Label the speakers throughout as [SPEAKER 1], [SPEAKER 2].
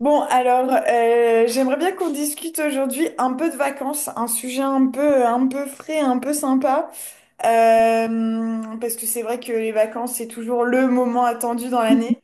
[SPEAKER 1] J'aimerais bien qu'on discute aujourd'hui un peu de vacances, un sujet un peu frais, un peu sympa. Parce que c'est vrai que les vacances, c'est toujours le moment attendu dans l'année.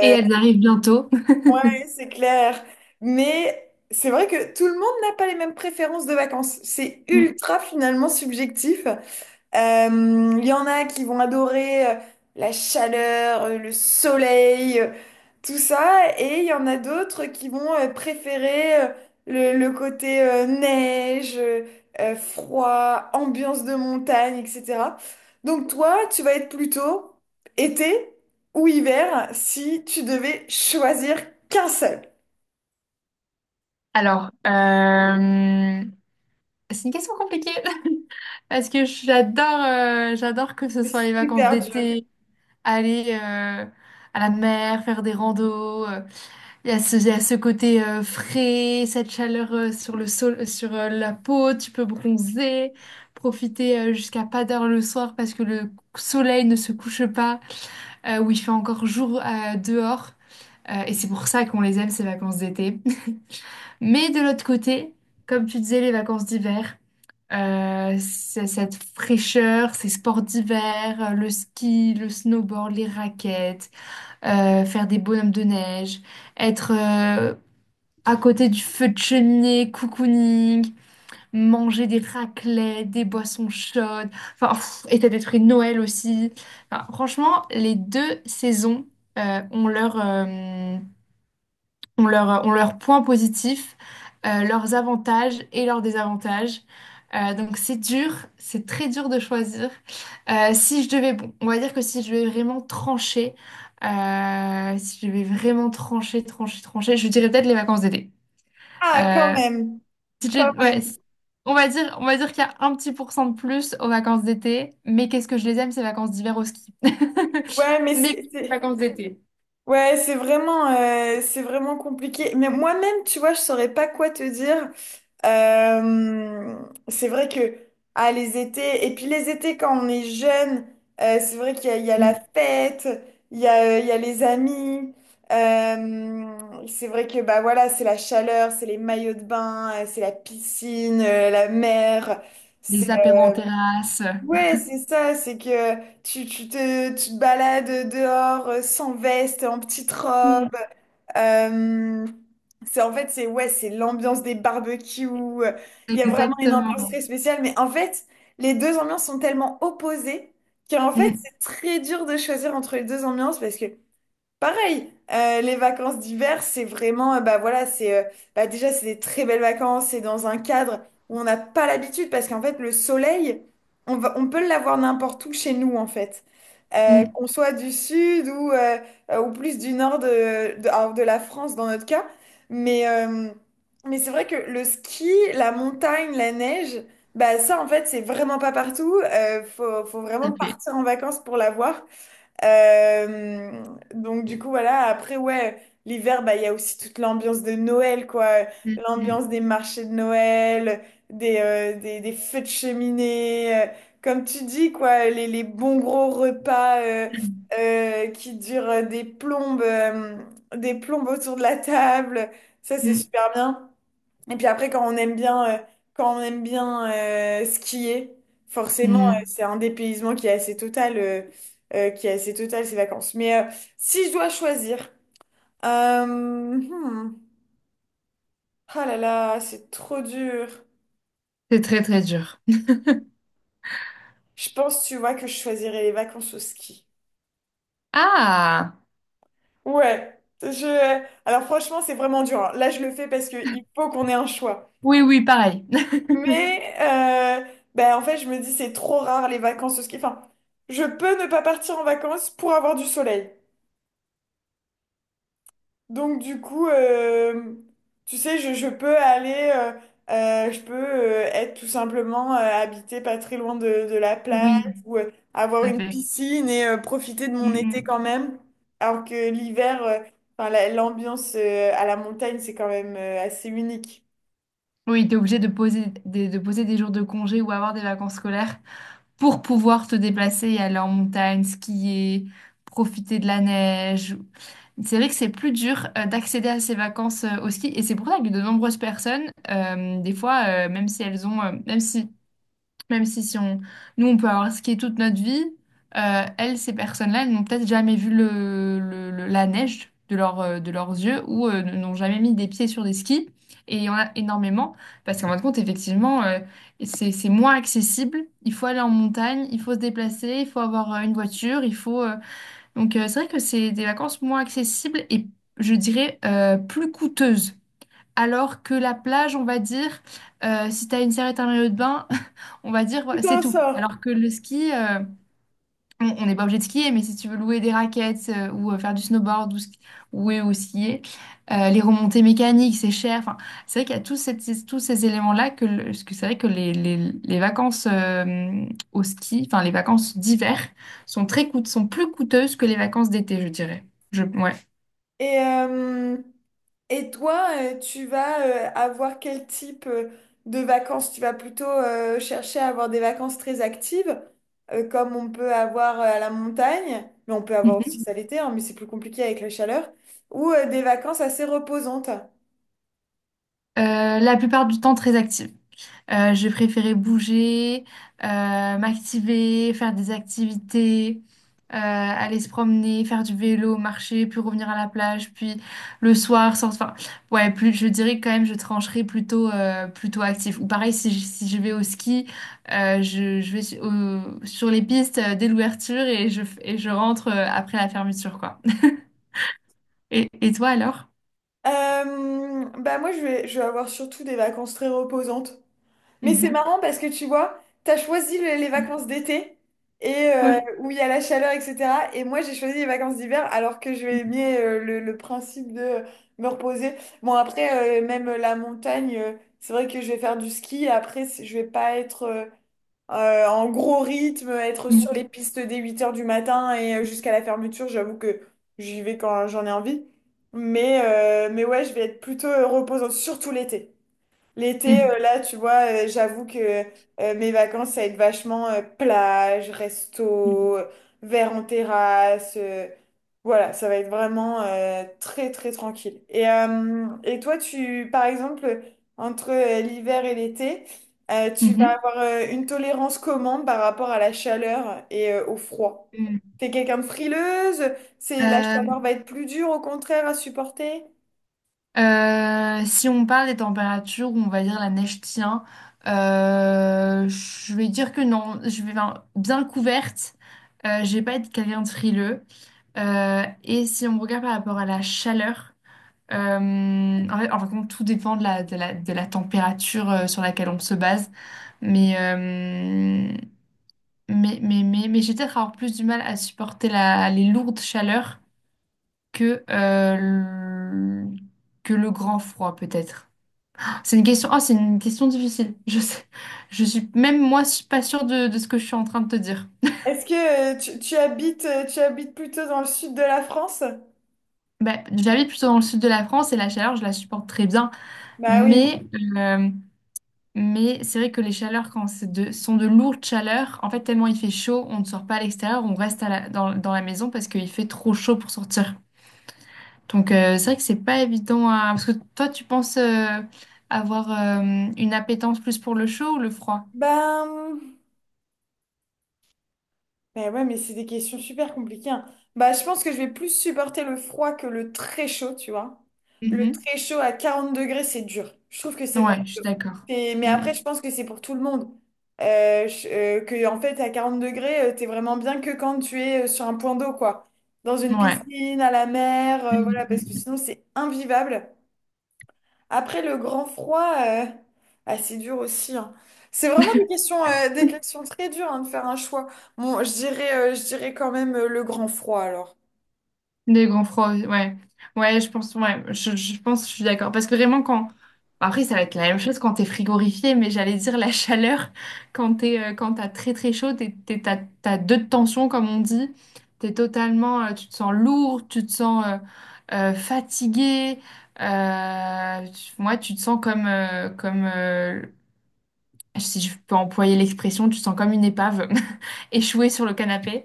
[SPEAKER 2] Et elles arrivent bientôt.
[SPEAKER 1] ouais, c'est clair. Mais c'est vrai que tout le monde n'a pas les mêmes préférences de vacances. C'est
[SPEAKER 2] Mm.
[SPEAKER 1] ultra finalement subjectif. Euh, Il y en a qui vont adorer la chaleur, le soleil, tout ça. Et il y en a d'autres qui vont préférer le côté neige, froid, ambiance de montagne, etc. Donc toi, tu vas être plutôt été ou hiver si tu devais choisir qu'un seul.
[SPEAKER 2] Alors, euh, c'est une question compliquée parce que j'adore que ce
[SPEAKER 1] C'est
[SPEAKER 2] soit les vacances
[SPEAKER 1] super dur.
[SPEAKER 2] d'été, aller à la mer, faire des randos. Il y a ce côté frais, cette chaleur sur le sol, sur la peau, tu peux bronzer, profiter jusqu'à pas d'heure le soir parce que le soleil ne se couche pas, où il fait encore jour dehors. Et c'est pour ça qu'on les aime, ces vacances d'été. Mais de l'autre côté, comme tu disais, les vacances d'hiver, c'est cette fraîcheur, ces sports d'hiver, le ski, le snowboard, les raquettes, faire des bonhommes de neige, être à côté du feu de cheminée, cocooning, manger des raclettes, des boissons chaudes, enfin, pff, et t'as des trucs Noël aussi. Enfin, franchement, les deux saisons ont leur point positif, leurs avantages et leurs désavantages. Donc c'est dur, c'est très dur de choisir. Si je devais, bon, on va dire que si je devais vraiment trancher, si je devais vraiment trancher, je dirais peut-être les vacances d'été.
[SPEAKER 1] Ah, quand
[SPEAKER 2] Euh,
[SPEAKER 1] même,
[SPEAKER 2] si
[SPEAKER 1] quand
[SPEAKER 2] je- ouais,
[SPEAKER 1] même.
[SPEAKER 2] si- On va dire, on va dire qu'il y a un petit pourcent de plus aux vacances d'été, mais qu'est-ce que je les aime, ces vacances d'hiver au ski.
[SPEAKER 1] Ouais, mais
[SPEAKER 2] Mais
[SPEAKER 1] c'est
[SPEAKER 2] les
[SPEAKER 1] c'est-
[SPEAKER 2] vacances d'été,
[SPEAKER 1] Ouais, c'est vraiment compliqué. Mais moi-même, tu vois, je saurais pas quoi te dire. Euh, c'est vrai que ah, les étés, et puis les étés quand on est jeune, c'est vrai il y a la
[SPEAKER 2] mm,
[SPEAKER 1] fête, il y a les amis. C'est vrai que bah voilà, c'est la chaleur, c'est les maillots de bain, c'est la piscine, la mer. C'est
[SPEAKER 2] les apéros en terrasse.
[SPEAKER 1] Ouais, c'est ça. C'est que tu te balades dehors sans veste, en petite robe. Euh, c'est en fait, c'est ouais, c'est l'ambiance des barbecues. Il y a vraiment une ambiance
[SPEAKER 2] Exactement.
[SPEAKER 1] très spéciale, mais en fait, les deux ambiances sont tellement opposées qu'en fait,
[SPEAKER 2] Mm,
[SPEAKER 1] c'est très dur de choisir entre les deux ambiances parce que pareil, les vacances d'hiver, c'est vraiment, bah voilà, bah déjà, c'est des très belles vacances, c'est dans un cadre où on n'a pas l'habitude, parce qu'en fait, le soleil, on peut l'avoir n'importe où chez nous, en fait.
[SPEAKER 2] mm,
[SPEAKER 1] Qu'on soit du sud ou plus du nord de la France, dans notre cas. Mais, euh, mais c'est vrai que le ski, la montagne, la neige, bah ça, en fait, c'est vraiment pas partout. Faut
[SPEAKER 2] tout à
[SPEAKER 1] vraiment
[SPEAKER 2] fait.
[SPEAKER 1] partir en vacances pour l'avoir. Euh, donc du coup voilà, après ouais, l'hiver bah il y a aussi toute l'ambiance de Noël quoi,
[SPEAKER 2] Mm,
[SPEAKER 1] l'ambiance des marchés de Noël, des feux de cheminée, comme tu dis quoi, les bons gros repas qui durent des plombes autour de la table, ça c'est
[SPEAKER 2] mm,
[SPEAKER 1] super bien. Et puis après, quand on aime bien skier,
[SPEAKER 2] mm,
[SPEAKER 1] forcément,
[SPEAKER 2] mm.
[SPEAKER 1] c'est un dépaysement qui est assez total ces vacances. Si je dois choisir, euh, hmm, ah là là, c'est trop dur.
[SPEAKER 2] C'est très très dur.
[SPEAKER 1] Je pense, tu vois, que je choisirais les vacances au ski.
[SPEAKER 2] Ah!
[SPEAKER 1] Ouais. Je... Alors franchement, c'est vraiment dur, hein. Là, je le fais parce qu'il faut qu'on ait un choix.
[SPEAKER 2] Oui, oui, pareil.
[SPEAKER 1] Mais euh, En fait, je me dis, c'est trop rare les vacances au ski. Enfin, je peux ne pas partir en vacances pour avoir du soleil. Donc, du coup, tu sais, je peux je peux être tout simplement habité pas très loin de la plage
[SPEAKER 2] Oui,
[SPEAKER 1] ou avoir
[SPEAKER 2] tout à
[SPEAKER 1] une
[SPEAKER 2] fait.
[SPEAKER 1] piscine et profiter de mon
[SPEAKER 2] Mm,
[SPEAKER 1] été
[SPEAKER 2] mm.
[SPEAKER 1] quand même. Alors que l'hiver, euh, enfin, l'ambiance à la montagne, c'est quand même assez unique.
[SPEAKER 2] Oui, tu es obligé de de poser des jours de congé ou avoir des vacances scolaires pour pouvoir te déplacer et aller en montagne, skier, profiter de la neige. C'est vrai que c'est plus dur d'accéder à ces vacances au ski et c'est pour ça que de nombreuses personnes, des fois, même si elles ont, même si Même si, si on, nous, on peut avoir skié toute notre vie, elles, ces personnes-là, elles n'ont peut-être jamais vu la neige de, de leurs yeux ou n'ont jamais mis des pieds sur des skis. Et il y en a énormément parce qu'en fin de compte, effectivement, c'est moins accessible. Il faut aller en montagne, il faut se déplacer, il faut avoir une voiture, il faut... Donc, c'est vrai que c'est des vacances moins accessibles et, je dirais, plus coûteuses. Alors que la plage, on va dire, si tu as une serviette, un maillot de bain, on va dire, ouais,
[SPEAKER 1] Tout
[SPEAKER 2] c'est
[SPEAKER 1] en
[SPEAKER 2] tout.
[SPEAKER 1] sort.
[SPEAKER 2] Alors que le ski, on n'est pas obligé de skier, mais si tu veux louer des raquettes ou faire du snowboard ou skier, les remontées mécaniques, c'est cher. Enfin, c'est vrai qu'il y a tous ces éléments-là que, le- parce que c'est vrai que les vacances au ski, enfin les vacances d'hiver, sont très coûte, sont plus coûteuses que les vacances d'été, je dirais. Je, ouais.
[SPEAKER 1] Et. euh, Et toi, tu vas avoir quel type de vacances? Tu vas plutôt chercher à avoir des vacances très actives, comme on peut avoir à la montagne, mais on peut avoir aussi
[SPEAKER 2] Mhm.
[SPEAKER 1] ça l'été, hein, mais c'est plus compliqué avec la chaleur, ou des vacances assez reposantes.
[SPEAKER 2] La plupart du temps très active. Je préférais bouger, euh, m'activer, faire des activités, aller se promener, faire du vélo, marcher, puis revenir à la plage, puis le soir sans... Enfin, ouais, plus, je dirais quand même, je trancherais plutôt, plutôt actif. Ou pareil, si je vais au ski, je vais sur les pistes dès l'ouverture et je rentre après la fermeture, quoi. Et toi alors?
[SPEAKER 1] Bah moi, je vais avoir surtout des vacances très reposantes. Mais c'est
[SPEAKER 2] Mhm.
[SPEAKER 1] marrant parce que tu vois, t'as choisi les vacances d'été et
[SPEAKER 2] Oui.
[SPEAKER 1] où il y a la chaleur, etc. Et moi, j'ai choisi les vacances d'hiver alors que je vais aimer le principe de me reposer. Même la montagne, c'est vrai que je vais faire du ski. Après, je vais pas être en gros rythme, être
[SPEAKER 2] Mhm.
[SPEAKER 1] sur les pistes dès 8 heures du matin et jusqu'à la fermeture. J'avoue que j'y vais quand j'en ai envie. Mais ouais, je vais être plutôt reposante, surtout l'été. L'été,
[SPEAKER 2] Mhm.
[SPEAKER 1] là, tu vois, j'avoue que mes vacances, ça va être vachement plage, resto, verre en terrasse. Voilà, ça va être vraiment très, très tranquille. Et toi, tu, par exemple, entre l'hiver et l'été, tu vas
[SPEAKER 2] Mhm.
[SPEAKER 1] avoir une tolérance comment par rapport à la chaleur et au froid?
[SPEAKER 2] Mhm.
[SPEAKER 1] T'es quelqu'un de frileuse? C'est, la
[SPEAKER 2] Euh,
[SPEAKER 1] chaleur va être plus dure, au contraire, à supporter?
[SPEAKER 2] Si on parle des températures où on va dire la neige tient, je vais dire que non, je vais ben, bien couverte. Je vais pas être quelqu'un de frileux. Et si on regarde par rapport à la chaleur, euh, en fait, en fin de compte, tout dépend de la température sur laquelle on se base. Mais, euh, mais j'ai peut-être avoir plus du mal à supporter les lourdes chaleurs que, que le grand froid, peut-être. C'est une question, oh c'est une question difficile. Je sais, je suis même moi, je suis pas sûre de ce que je suis en train de te dire.
[SPEAKER 1] Est-ce que tu habites plutôt dans le sud de la France?
[SPEAKER 2] Bah, j'habite plutôt dans le sud de la France et la chaleur, je la supporte très bien.
[SPEAKER 1] Bah oui.
[SPEAKER 2] Mais, euh, mais c'est vrai que les chaleurs, quand c'est de, sont de lourdes chaleurs, en fait, tellement il fait chaud, on ne sort pas à l'extérieur, on reste dans, dans la maison parce qu'il fait trop chaud pour sortir. Donc, c'est vrai que c'est pas évident à... Parce que toi, tu penses avoir une appétence plus pour le chaud ou le froid?
[SPEAKER 1] Ben, Mais ouais, mais c'est des questions super compliquées, hein. Bah, je pense que je vais plus supporter le froid que le très chaud, tu vois. Le
[SPEAKER 2] Mhm.
[SPEAKER 1] très chaud à 40 degrés, c'est dur. Je trouve que c'est vraiment
[SPEAKER 2] Ouais, je suis
[SPEAKER 1] dur.
[SPEAKER 2] d'accord.
[SPEAKER 1] Et- mais après, je
[SPEAKER 2] Mhm.
[SPEAKER 1] pense que c'est pour tout le monde. En fait, à 40 degrés, t'es vraiment bien que quand tu es sur un point d'eau, quoi. Dans une
[SPEAKER 2] Ouais.
[SPEAKER 1] piscine, à la mer, voilà, parce que
[SPEAKER 2] Mhm.
[SPEAKER 1] sinon, c'est invivable. Après le grand froid, ah, c'est dur aussi, hein. C'est vraiment des questions très dures hein, de faire un choix. Je dirais quand même le grand froid alors.
[SPEAKER 2] Des grands froids, ouais. Ouais, je pense, je suis d'accord. Parce que vraiment, quand. Après, ça va être la même chose quand t'es frigorifié, mais j'allais dire la chaleur, quand t'as très très chaud, t'as deux de tension, comme on dit. T'es totalement. Tu te sens lourd, tu te sens fatigué. Moi, tu te sens comme si je peux employer l'expression, tu te sens comme une épave échouée sur le canapé.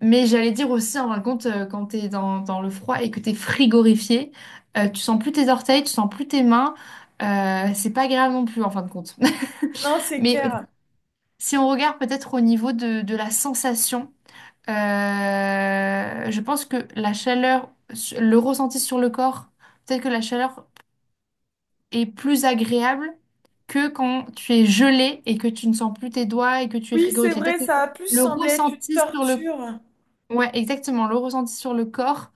[SPEAKER 2] Mais j'allais dire aussi, en fin de compte, quand t'es dans, dans le froid et que t'es frigorifié, tu sens plus tes orteils, tu sens plus tes mains. C'est pas agréable non plus, en fin de compte.
[SPEAKER 1] Non, c'est
[SPEAKER 2] Mais
[SPEAKER 1] clair.
[SPEAKER 2] si on regarde peut-être au niveau de la sensation, je pense que la chaleur, su- le ressenti sur le corps, peut-être que la chaleur est plus agréable que quand tu es gelé et que tu ne sens plus tes doigts et que tu es
[SPEAKER 1] Oui, c'est
[SPEAKER 2] frigorifié.
[SPEAKER 1] vrai,
[SPEAKER 2] Peut-être que
[SPEAKER 1] ça a plus
[SPEAKER 2] le
[SPEAKER 1] semblé être une
[SPEAKER 2] ressenti sur le...
[SPEAKER 1] torture.
[SPEAKER 2] Ouais, exactement, le ressenti sur le corps.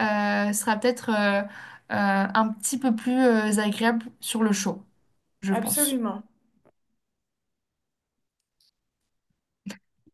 [SPEAKER 2] Sera peut-être un petit peu plus agréable sur le chaud, je pense.
[SPEAKER 1] Absolument.